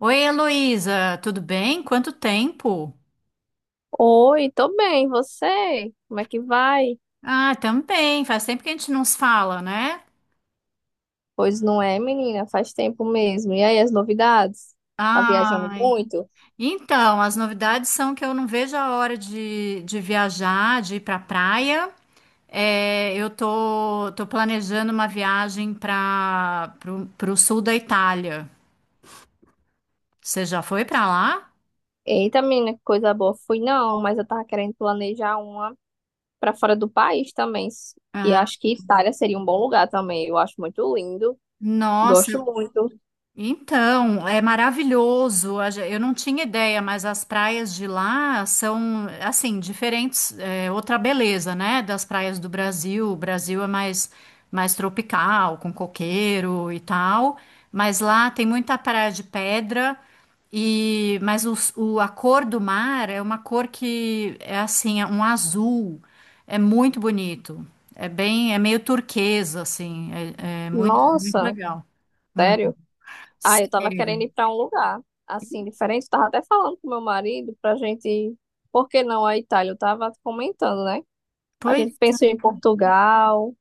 Oi, Heloísa, tudo bem? Quanto tempo? Oi, tô bem, e você? Como é que vai? Ah, também. Faz tempo que a gente não se fala, né? Pois não é, menina, faz tempo mesmo. E aí, as novidades? Tá viajando Ai. muito? Então, as novidades são que eu não vejo a hora de viajar, de ir pra praia. É, eu tô planejando uma viagem pro sul da Itália. Você já foi para lá? Eita, menina, que coisa boa. Fui não, mas eu tava querendo planejar uma pra fora do país também. E Ah, acho que Itália seria um bom lugar também. Eu acho muito lindo, nossa, gosto muito. então, é maravilhoso. Eu não tinha ideia, mas as praias de lá são, assim, diferentes. É outra beleza, né? Das praias do Brasil. O Brasil é mais tropical, com coqueiro e tal. Mas lá tem muita praia de pedra. E, mas a cor do mar é uma cor que é assim, é um azul. É muito bonito. É meio turquesa, assim. É muito, muito Nossa, legal. Hum, sério? Ah, eu tava sério. querendo ir pra um lugar assim diferente. Tava até falando com meu marido pra gente, ir. Por que não a Itália? Eu tava comentando, né? A Pois. gente pensou em Portugal,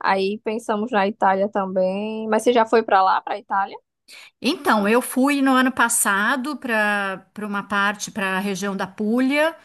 aí pensamos na Itália também. Mas você já foi pra lá, pra Itália? Então, eu fui no ano passado para uma parte, para a região da Puglia,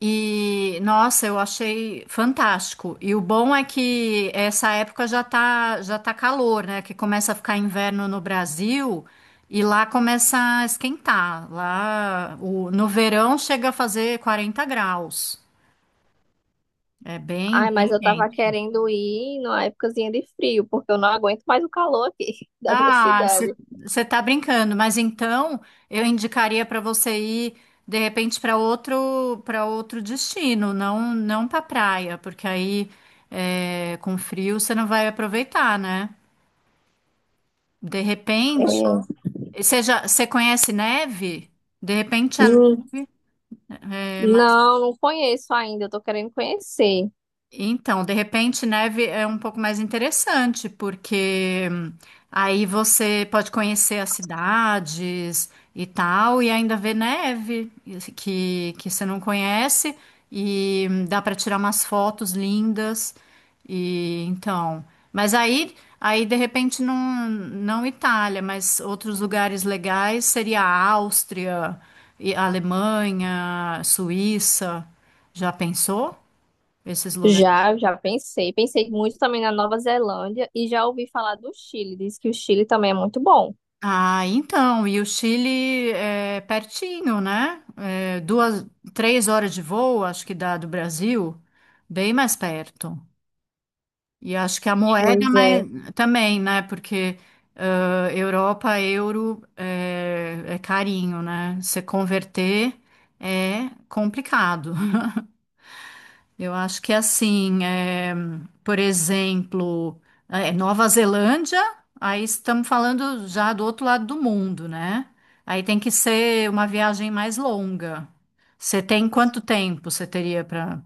e nossa, eu achei fantástico. E o bom é que essa época já tá calor, né? Que começa a ficar inverno no Brasil e lá começa a esquentar. Lá no verão chega a fazer 40 graus. É bem, Ai, mas bem eu tava quente. querendo ir numa épocazinha de frio, porque eu não aguento mais o calor aqui da minha Ah, você cidade. está brincando, mas então eu indicaria para você ir de repente para outro destino, não, não para praia, porque aí com frio você não vai aproveitar, né? De É. repente, você conhece neve? De repente a. Hum. Não, não conheço ainda, eu tô querendo conhecer. Então, de repente, neve é um pouco mais interessante, porque aí você pode conhecer as cidades e tal, e ainda ver neve que você não conhece, e dá para tirar umas fotos lindas. E então, mas aí de repente não, não Itália, mas outros lugares legais seria a Áustria, e a Alemanha, Suíça. Já pensou? Esses lugares? Já, já pensei. Pensei muito também na Nova Zelândia e já ouvi falar do Chile. Diz que o Chile também é muito bom. Ah, então, e o Chile é pertinho, né? É, 2, 3 horas de voo, acho que dá do Brasil, bem mais perto. E acho que a moeda é Pois mais, é. também, né? Porque ah, Europa, euro é carinho, né? Se converter é complicado. Eu acho que é assim, por exemplo, Nova Zelândia, aí estamos falando já do outro lado do mundo, né? Aí tem que ser uma viagem mais longa. Você tem quanto tempo você teria para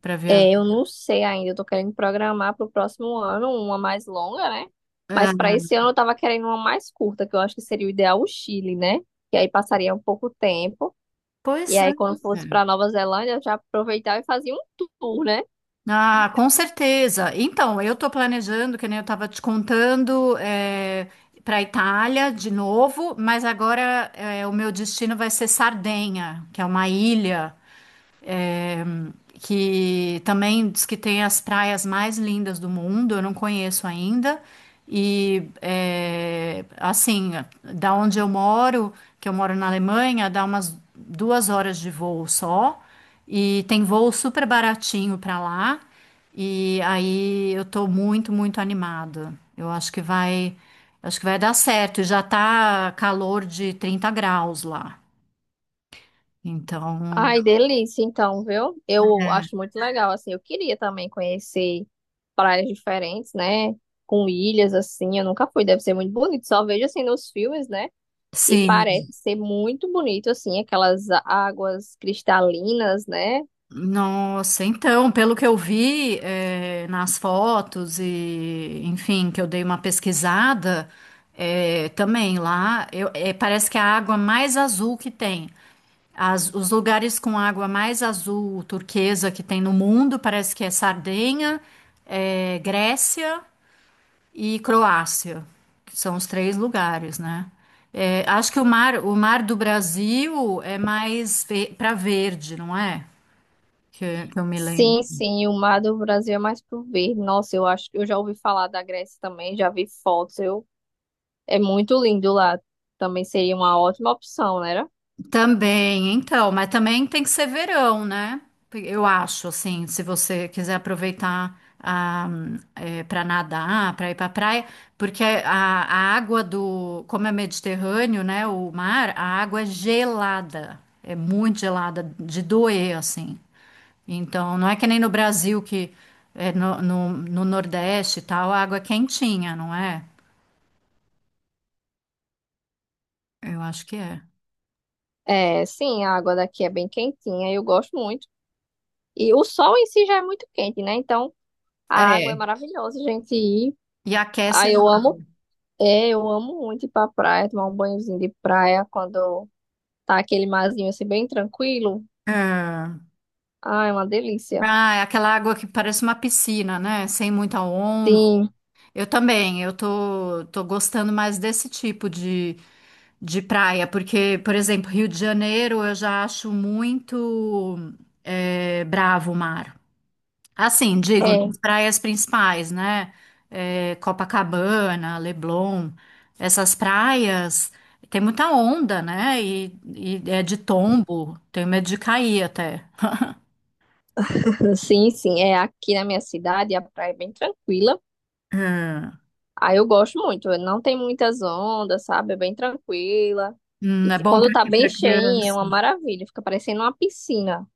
para viajar? É, eu não sei ainda, eu tô querendo programar pro próximo ano uma mais longa, né? Mas para É, esse ano eu tava querendo uma mais curta, que eu acho que seria o ideal o Chile, né? Que aí passaria um pouco tempo. E pois aí é. quando fosse pra Nova Zelândia, eu já aproveitava e fazia um tour, né? Ah, com certeza. Então, eu estou planejando, que nem eu estava te contando, para a Itália de novo, mas agora o meu destino vai ser Sardenha, que é uma ilha. É, que também diz que tem as praias mais lindas do mundo, eu não conheço ainda. E é, assim, da onde eu moro, que eu moro na Alemanha, dá umas 2 horas de voo só, e tem voo super baratinho para lá. E aí eu tô muito, muito animada. Eu acho que vai dar certo. E já tá calor de 30 graus lá. Então, Ai, delícia, então, viu? Eu acho muito legal, assim, eu queria também conhecer praias diferentes, né? Com ilhas, assim, eu nunca fui, deve ser muito bonito, só vejo assim nos filmes, né? E sim. parece ser muito bonito, assim, aquelas águas cristalinas, né? Nossa, então, pelo que eu vi, nas fotos e, enfim, que eu dei uma pesquisada, também lá, parece que é a água mais azul que tem. Os lugares com água mais azul turquesa que tem no mundo parece que é Sardenha, Grécia e Croácia, que são os três lugares, né? Acho que o mar do Brasil é mais para verde, não é? Que eu me lembro. Sim, sim, o mar do Brasil é mais pro verde. Nossa, eu acho que eu já ouvi falar da Grécia também, já vi fotos. É muito lindo lá. Também seria uma ótima opção, né? Também, então, mas também tem que ser verão, né? Eu acho, assim, se você quiser aproveitar para nadar, para ir para praia, porque a água como é Mediterrâneo, né, o mar, a água é gelada, é muito gelada, de doer, assim. Então, não é que nem no Brasil, que é no Nordeste e tal, a água é quentinha, não é? Eu acho que é. É, sim, a água daqui é bem quentinha, eu gosto muito. E o sol em si já é muito quente, né? Então a água é É. maravilhosa, gente. E E aquece. ah, eu amo, é, eu amo muito ir pra praia, tomar um banhozinho de praia quando tá aquele marzinho assim bem tranquilo. É. Ah, é uma delícia. Ah, é aquela água que parece uma piscina, né? Sem muita onda. Sim, Eu também, eu tô gostando mais desse tipo de praia, porque, por exemplo, Rio de Janeiro eu já acho muito bravo o mar. Assim, digo, é. nas praias principais, né? Copacabana, Leblon, essas praias tem muita onda, né? E é de tombo, tenho medo de cair até. Sim, sim. É aqui na minha cidade, a praia é bem tranquila. Aí eu gosto muito. Não tem muitas ondas, sabe? É bem tranquila. E é bom quando tá bem para cheinha, é criança. uma maravilha. Fica parecendo uma piscina.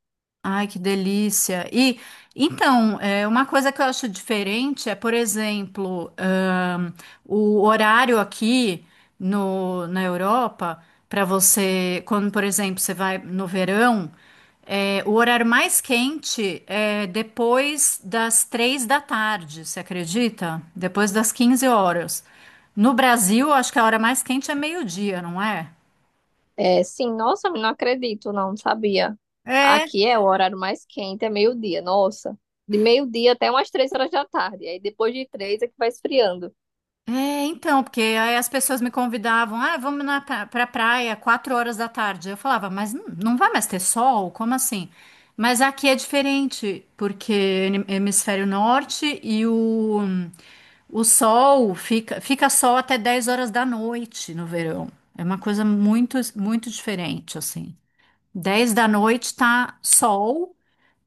Ai, que delícia. E então, uma coisa que eu acho diferente é, por exemplo, o horário aqui no, na Europa, para você, quando, por exemplo, você vai no verão, o horário mais quente é depois das 3 da tarde, você acredita? Depois das 15 horas. No Brasil, acho que a hora mais quente é meio-dia, não é? É, sim, nossa, não acredito, não sabia. É. Aqui é o horário mais quente, é meio-dia, nossa. De meio-dia até umas 3 horas da tarde. Aí depois de três é que vai esfriando. É, então, porque aí as pessoas me convidavam, ah, vamos pra praia, 4 horas da tarde. Eu falava, mas não vai mais ter sol? Como assim? Mas aqui é diferente, porque hemisfério norte e o sol fica sol até 10 horas da noite no verão. É uma coisa muito, muito diferente, assim. Dez da noite tá sol,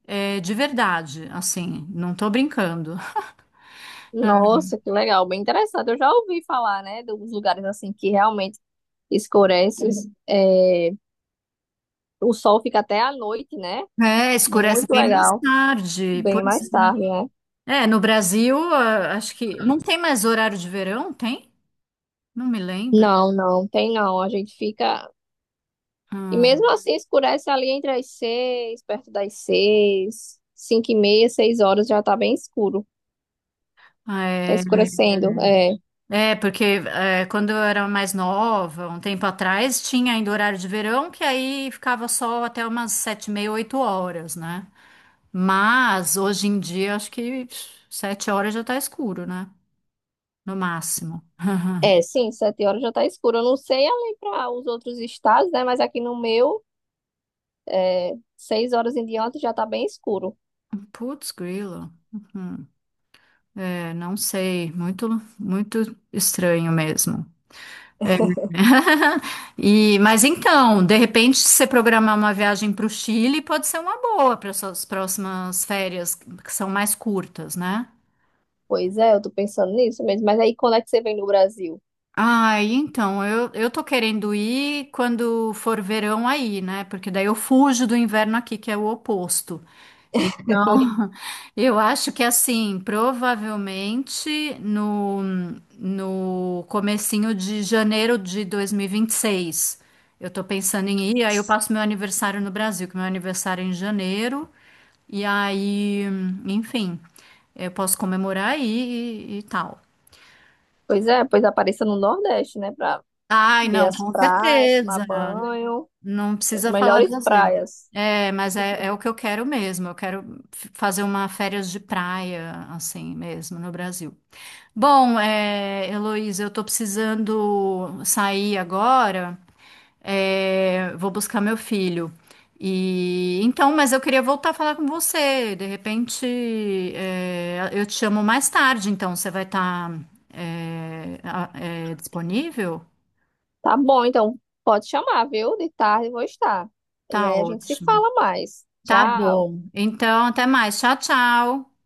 de verdade, assim, não tô brincando. Nossa, que legal, bem interessante. Eu já ouvi falar, né, dos lugares assim que realmente escurece, é, o sol fica até à noite, né? É, escurece Muito bem mais legal, tarde. bem Pois mais tarde, né? é. É, no Brasil, ah, acho que não tem mais horário de verão, tem? Não me lembro. Não, não, tem não. A gente fica. E Ah, mesmo assim escurece ali entre as seis, perto das seis, cinco e meia, 6 horas já tá bem escuro. ah, Tá é, escurecendo. É, é, porque quando eu era mais nova, um tempo atrás, tinha ainda horário de verão, que aí ficava sol até umas 7:30, 8 horas, né? Mas hoje em dia, acho que 7 horas já tá escuro, né? No máximo. é, sim, 7 horas já tá escuro. Eu não sei ali para os outros estados, né? Mas aqui no meu, é, 6 horas em diante já tá bem escuro. Putz, grilo. Uhum. É, não sei, muito, muito estranho mesmo. É. E, mas então, de repente, se você programar uma viagem para o Chile, pode ser uma boa para suas próximas férias, que são mais curtas, né? Pois é, eu tô pensando nisso mesmo. Mas aí quando é que você vem no Brasil? Ah, então, eu tô querendo ir quando for verão aí, né? Porque daí eu fujo do inverno aqui, que é o oposto. Então, eu acho que assim, provavelmente no comecinho de janeiro de dois mil e vinte e seis eu tô pensando em ir, aí eu passo meu aniversário no Brasil, que meu aniversário é em janeiro, e aí, enfim, eu posso comemorar aí e tal. Pois é, pois apareça no Nordeste, né? Pra Ai, ver não, as com praias, tomar certeza. banho, Não as precisa falar melhores 2 vezes. praias. É, mas é o que eu quero mesmo. Eu quero fazer uma férias de praia, assim mesmo, no Brasil. Bom, Heloísa, eu tô precisando sair agora. É, vou buscar meu filho. E então, mas eu queria voltar a falar com você. De repente, eu te chamo mais tarde, então você vai estar disponível? Tá bom, então pode chamar, viu? De tarde eu vou estar. E Tá aí a gente se ótimo. fala mais. Tá Tchau. bom. Então, até mais. Tchau, tchau.